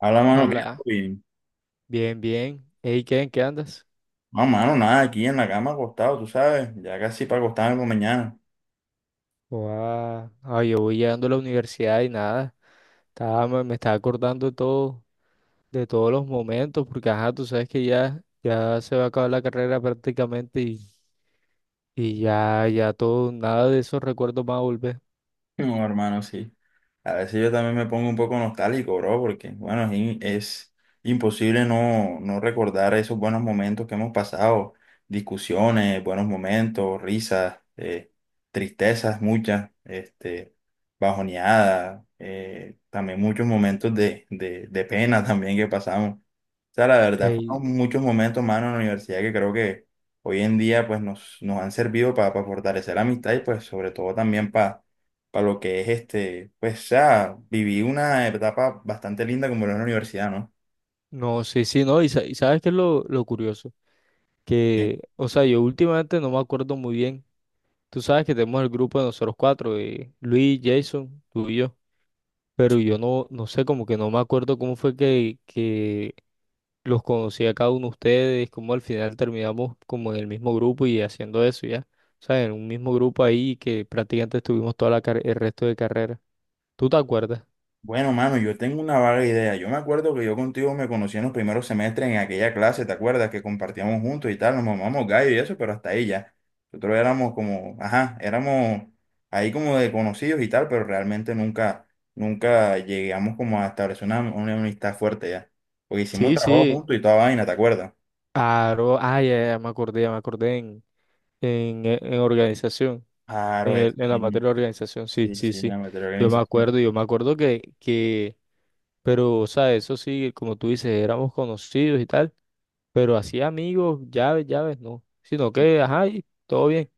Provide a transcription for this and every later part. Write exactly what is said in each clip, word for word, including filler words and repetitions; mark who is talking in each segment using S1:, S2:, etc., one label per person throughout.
S1: Habla, mano, ¿qué? Todo
S2: Habla.
S1: bien.
S2: Bien, bien. Ey, ¿qué? ¿En qué andas?
S1: No, mano, nada, aquí en la cama acostado, tú sabes, ya casi para acostarme con mañana.
S2: Guau. Ay, yo voy llegando a la universidad y nada. Estaba, me, me estaba acordando de todo, de todos los momentos, porque ajá, tú sabes que ya, ya se va a acabar la carrera prácticamente y, y ya, ya todo, nada de esos recuerdos va a volver.
S1: No, hermano, sí. A veces yo también me pongo un poco nostálgico, bro, porque, bueno, es, in- es imposible no, no recordar esos buenos momentos que hemos pasado, discusiones, buenos momentos, risas, eh, tristezas muchas, este, bajoneadas, eh, también muchos momentos de, de, de pena también que pasamos. O sea, la verdad,
S2: Ey,
S1: fueron muchos momentos, mano, en la universidad que creo que hoy en día pues nos, nos han servido para fortalecer la amistad y pues sobre todo también para lo que es este, pues ya viví una etapa bastante linda como era la universidad, ¿no?
S2: no, sí, sí, no. Y, sa- y ¿sabes qué es lo, lo curioso?
S1: Sí.
S2: Que, o sea, yo últimamente no me acuerdo muy bien. Tú sabes que tenemos el grupo de nosotros cuatro, eh, Luis, Jason, tú y yo. Pero yo no, no sé, como que no me acuerdo cómo fue que, que los conocí a cada uno de ustedes, cómo al final terminamos como en el mismo grupo y haciendo eso ya. O sea, en un mismo grupo ahí que prácticamente estuvimos toda la car- el resto de carrera. ¿Tú te acuerdas?
S1: Bueno, mano, yo tengo una vaga idea. Yo me acuerdo que yo contigo me conocí en los primeros semestres en aquella clase, ¿te acuerdas? Que compartíamos juntos y tal, nos mamamos gallo y eso, pero hasta ahí ya. Nosotros éramos como, ajá, éramos ahí como de conocidos y tal, pero realmente nunca, nunca llegamos como a establecer una, una amistad fuerte ya. Porque hicimos
S2: Sí,
S1: trabajo
S2: sí.
S1: juntos y toda vaina, ¿te acuerdas?
S2: Claro, ah, ya, ya me acordé, ya me acordé en, en, eh, en organización,
S1: Claro,
S2: en, el-
S1: eso
S2: en la
S1: mismo.
S2: materia de organización, sí,
S1: Sí,
S2: sí,
S1: sí,
S2: sí.
S1: la materia de
S2: Yo me
S1: organización.
S2: acuerdo, yo me acuerdo que, que, pero, o sea, eso sí, como tú dices, éramos conocidos y tal. Pero así amigos, llaves, llaves, no. Sino que, ajá, y todo bien.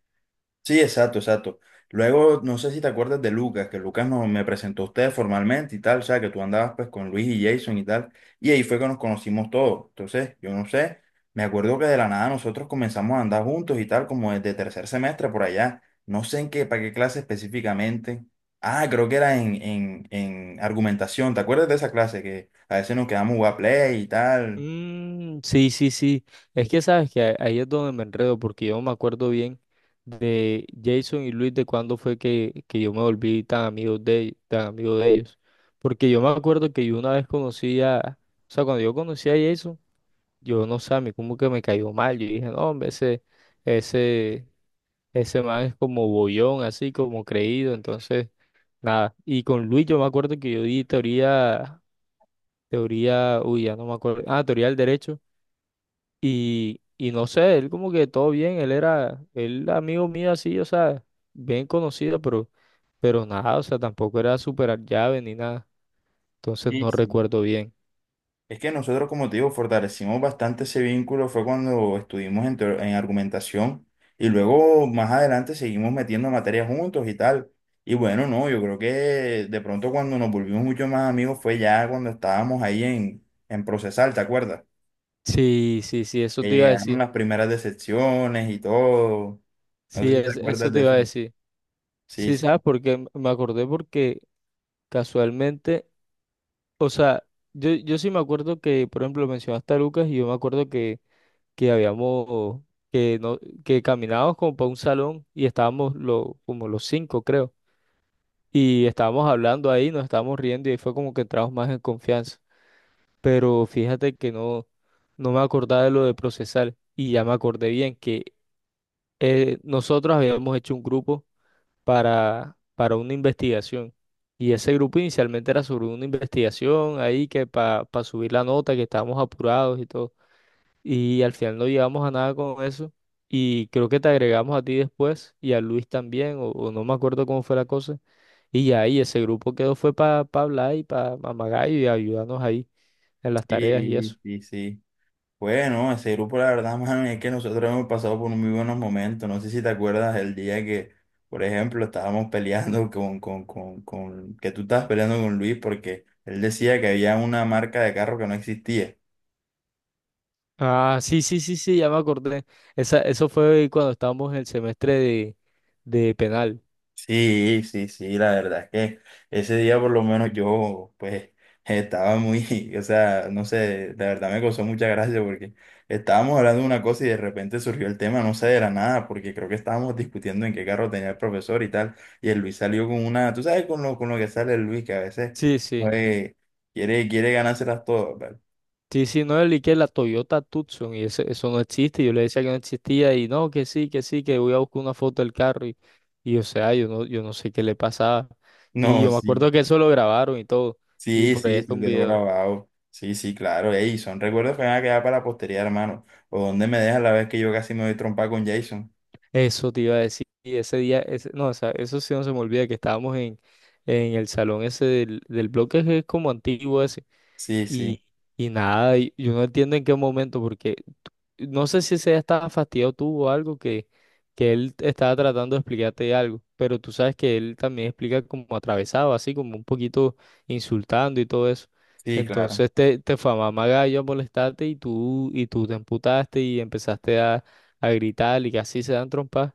S1: Sí, exacto, exacto. Luego, no sé si te acuerdas de Lucas, que Lucas nos, me presentó a ustedes formalmente y tal, o sea, que tú andabas pues con Luis y Jason y tal, y ahí fue que nos conocimos todos. Entonces, yo no sé, me acuerdo que de la nada nosotros comenzamos a andar juntos y tal, como desde tercer semestre por allá. No sé en qué, para qué clase específicamente. Ah, creo que era en, en, en argumentación, ¿te acuerdas de esa clase? Que a veces nos quedamos a jugar play y tal.
S2: Mm, sí, sí, sí. Es que sabes que a- ahí es donde me enredo, porque yo no me acuerdo bien de Jason y Luis, de cuándo fue que, que yo me volví tan amigo de, tan amigo de ellos. Porque yo me acuerdo que yo una vez conocí a, o sea, cuando yo conocí a Jason, yo no sé, a mí como que me cayó mal. Yo dije, no, hombre, ese, ese, ese man es como bollón, así como creído, entonces. Nada. Y con Luis yo me acuerdo que yo di teoría, teoría, uy, ya no me acuerdo. Ah, teoría del derecho. Y, y no sé, él como que todo bien, él era, él amigo mío así, o sea, bien conocido, pero, pero nada, o sea, tampoco era superar llave ni nada. Entonces
S1: Sí,
S2: no
S1: sí.
S2: recuerdo bien.
S1: Es que nosotros, como te digo, fortalecimos bastante ese vínculo, fue cuando estuvimos en, teo- en argumentación y luego más adelante seguimos metiendo materias juntos y tal. Y bueno, no, yo creo que de pronto cuando nos volvimos mucho más amigos fue ya cuando estábamos ahí en, en Procesal, ¿te acuerdas?
S2: Sí, sí, sí,
S1: Que
S2: eso te iba a
S1: llegaron
S2: decir.
S1: las primeras decepciones y todo. No sé
S2: Sí,
S1: si te
S2: es- eso
S1: acuerdas de
S2: te iba
S1: eso.
S2: a decir.
S1: Sí,
S2: Sí, ¿sabes por qué? Me acordé porque casualmente, o sea, yo, yo sí me acuerdo que, por ejemplo, mencionaste a Lucas y yo me acuerdo que que habíamos, que no, que caminábamos como para un salón y estábamos lo, como los cinco, creo. Y estábamos hablando ahí, nos estábamos riendo y ahí fue como que entramos más en confianza. Pero fíjate que no, no me acordaba de lo de procesar y ya me acordé bien que eh, nosotros habíamos hecho un grupo para, para una investigación. Y ese grupo inicialmente era sobre una investigación ahí que para subir la nota, que estábamos apurados y todo. Y al final no llegamos a nada con eso. Y creo que te agregamos a ti después y a Luis también, o, o no me acuerdo cómo fue la cosa. Y ya ahí ese grupo quedó fue para hablar y para Magayo y ayudarnos ahí en las tareas y
S1: sí,
S2: eso.
S1: sí, sí. Bueno, ese grupo, la verdad, mano, es que nosotros hemos pasado por muy buenos momentos. No sé si te acuerdas el día que, por ejemplo, estábamos peleando con, con, con, con, que tú estabas peleando con Luis porque él decía que había una marca de carro que no existía.
S2: Ah, sí, sí, sí, sí, ya me acordé. Esa, eso fue cuando estábamos en el semestre de, de penal.
S1: Sí, sí, sí, la verdad es que ese día por lo menos yo pues estaba muy, o sea, no sé, la verdad me causó mucha gracia porque estábamos hablando de una cosa y de repente surgió el tema, no sé, de la nada, porque creo que estábamos discutiendo en qué carro tenía el profesor y tal, y el Luis salió con una, tú sabes con lo, con lo que sale el Luis, que a veces
S2: Sí, sí.
S1: eh, quiere, quiere ganárselas todas, ¿vale?
S2: Sí, sí, no, el que la Toyota Tucson y ese- eso no existe. Yo le decía que no existía y no, que sí, que sí, que voy a buscar una foto del carro y, y, o sea, yo no, yo no sé qué le pasaba. Y
S1: No,
S2: yo me
S1: sí.
S2: acuerdo que eso lo grabaron y todo. Y
S1: Sí,
S2: por ahí
S1: sí,
S2: está
S1: se
S2: un
S1: quedó
S2: video.
S1: grabado. Sí, sí, claro. Ey, son recuerdos que me van a quedar para la posteridad, hermano. O dónde me dejas la vez que yo casi me doy trompa con Jason.
S2: Eso te iba a decir. Y ese día, ese, no, o sea, eso sí no se me olvida que estábamos en, en el salón ese del, del bloque que es como antiguo ese.
S1: Sí,
S2: Y,
S1: sí,
S2: y nada, y yo no entiendo en qué momento, porque no sé si ese estaba fastidiado tú o algo que, que él estaba tratando de explicarte algo, pero tú sabes que él también explica como atravesado, así como un poquito insultando y todo eso.
S1: sí, claro.
S2: Entonces te, te fue a mamar gallo a molestarte y tú, y tú te emputaste y empezaste a, a gritar y que así se dan trompas.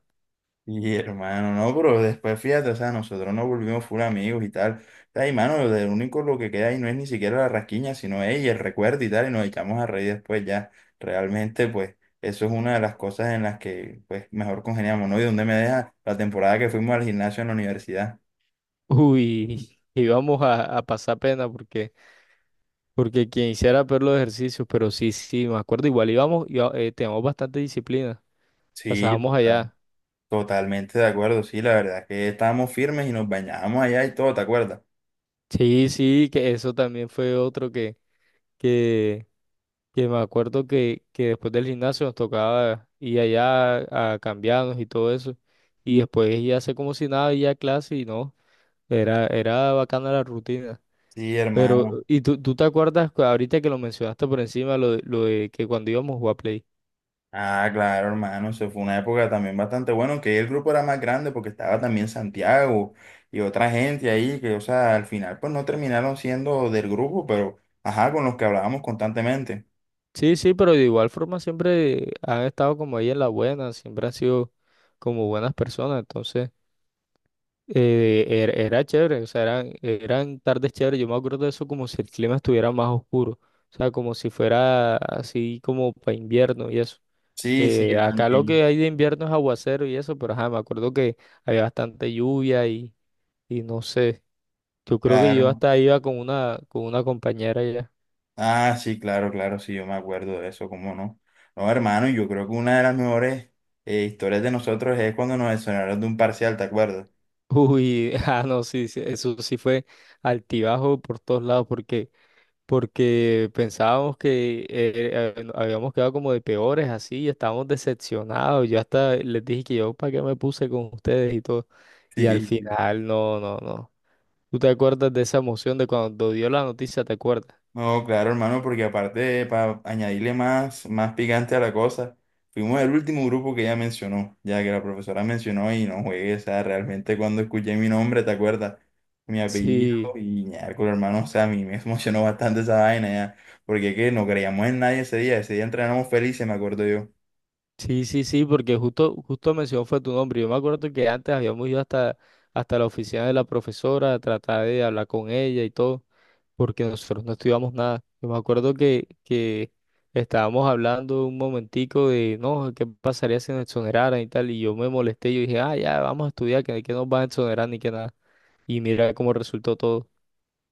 S1: Y hermano, no, pero después fíjate, o sea, nosotros nos volvimos full amigos y tal. O sea, y mano, lo único lo que queda ahí no es ni siquiera la rasquiña, sino ella, el recuerdo y tal, y nos echamos a reír después ya. Realmente, pues, eso es una de las cosas en las que, pues, mejor congeniamos, ¿no? Y dónde me deja la temporada que fuimos al gimnasio en la universidad.
S2: Uy, íbamos a, a pasar pena porque, porque quien hiciera peor los ejercicios, pero sí, sí, me acuerdo, igual íbamos, iba- eh, teníamos bastante disciplina,
S1: Sí,
S2: pasábamos
S1: total.
S2: allá.
S1: Totalmente de acuerdo, sí, la verdad es que estábamos firmes y nos bañábamos allá y todo, ¿te acuerdas?
S2: Sí, sí, que eso también fue otro que, que, que me acuerdo que, que después del gimnasio nos tocaba ir allá a cambiarnos y todo eso. Y después ya a hacer como si nada, ir a clase y no, era, era bacana la rutina.
S1: Sí,
S2: Pero,
S1: hermano.
S2: ¿y tú, tú te acuerdas cu- ahorita que lo mencionaste por encima, lo, de- lo de que cuando íbamos a jugar Play?
S1: Ah, claro, hermano, eso fue una época también bastante buena, aunque el grupo era más grande porque estaba también Santiago y otra gente ahí que, o sea, al final pues no terminaron siendo del grupo, pero, ajá, con los que hablábamos constantemente.
S2: Sí, sí, pero de igual forma siempre han estado como ahí en la buena, siempre han sido como buenas personas, entonces. eh, era, era chévere, o sea, eran, eran tardes chéveres. Yo me acuerdo de eso como si el clima estuviera más oscuro, o sea, como si fuera así como para invierno y eso.
S1: Sí, sí,
S2: Que
S1: yo
S2: acá lo
S1: también.
S2: que hay de invierno es aguacero y eso, pero ajá, me acuerdo que había bastante lluvia y, y no sé. Yo creo que yo
S1: Claro.
S2: hasta iba con una, con una compañera ya.
S1: Ah, sí, claro, claro, sí, yo me acuerdo de eso, ¿cómo no? No, hermano, yo creo que una de las mejores eh, historias de nosotros es cuando nos exoneraron de un parcial, ¿te acuerdas?
S2: Uy, ah, no, sí, sí, eso sí fue altibajo por todos lados, porque porque pensábamos que eh, eh, habíamos quedado como de peores así y estábamos decepcionados. Yo hasta les dije que yo para qué me puse con ustedes y todo. Y al
S1: Sí, sí.
S2: final, no, no, no. ¿Tú te acuerdas de esa emoción de cuando dio la noticia? ¿Te acuerdas?
S1: No, claro, hermano, porque aparte, para añadirle más, más picante a la cosa, fuimos el último grupo que ella mencionó, ya que la profesora mencionó y no juegué, o sea, realmente cuando escuché mi nombre, ¿te acuerdas? Mi apellido
S2: Sí,
S1: y con hermano, o sea, a mí me emocionó bastante esa vaina ya, porque es que no creíamos en nadie ese día, ese día entrenamos felices, me acuerdo yo.
S2: sí, sí, sí, porque justo, justo mencionó fue tu nombre. Yo me acuerdo que antes habíamos ido hasta, hasta la oficina de la profesora a tratar de hablar con ella y todo. Porque nosotros no estudiamos nada. Yo me acuerdo que, que estábamos hablando un momentico de, no, ¿qué pasaría si nos exoneraran y tal? Y yo me molesté, yo dije, ah, ya, vamos a estudiar, que, que nos van a exonerar ni que nada. Y mira cómo resultó todo.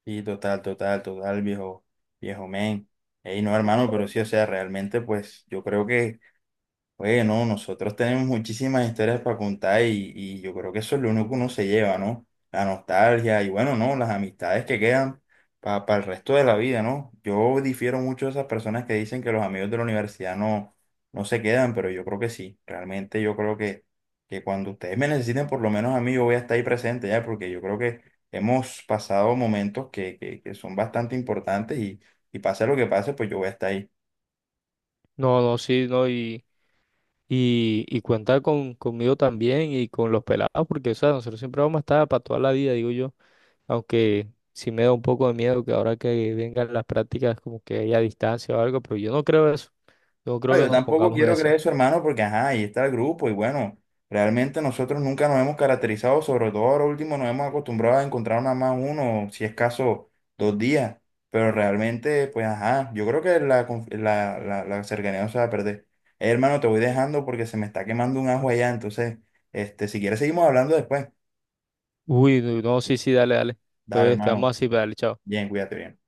S1: Sí, total, total, total, viejo, viejo men. Ey, no, hermano, pero sí, o sea, realmente, pues, yo creo que oye, no, nosotros tenemos muchísimas historias para contar y, y yo creo que eso es lo único que uno se lleva, ¿no? La nostalgia y bueno, ¿no? Las amistades que quedan para el resto de la vida, ¿no? Yo difiero mucho de esas personas que dicen que los amigos de la universidad no, no se quedan, pero yo creo que sí. Realmente yo creo que, que cuando ustedes me necesiten, por lo menos a mí, yo voy a estar ahí presente ya, porque yo creo que hemos pasado momentos que, que, que son bastante importantes y, y pase lo que pase, pues yo voy a estar ahí.
S2: No, no, sí, no, y, y, y cuenta con, conmigo también y con los pelados, porque, o sea, nosotros siempre vamos a estar para toda la vida, digo yo, aunque... Sí me da un poco de miedo que ahora que vengan las prácticas como que haya distancia o algo, pero yo no creo eso. Yo no creo
S1: Ah,
S2: que
S1: yo
S2: nos
S1: tampoco
S2: pongamos en
S1: quiero
S2: eso.
S1: creer eso, hermano, porque ajá, ahí está el grupo y bueno, realmente nosotros nunca nos hemos caracterizado, sobre todo ahora último nos hemos acostumbrado a encontrar nada más uno, si es caso, dos días, pero realmente, pues ajá, yo creo que la, conf- la, la, la cercanía no se va a perder. Eh, hermano, te voy dejando porque se me está quemando un ajo allá, entonces, este, si quieres seguimos hablando después.
S2: Uy, no, no, sí, sí, dale, dale.
S1: Dale,
S2: Entonces quedamos
S1: hermano,
S2: así, pero dale, chao.
S1: bien, cuídate bien.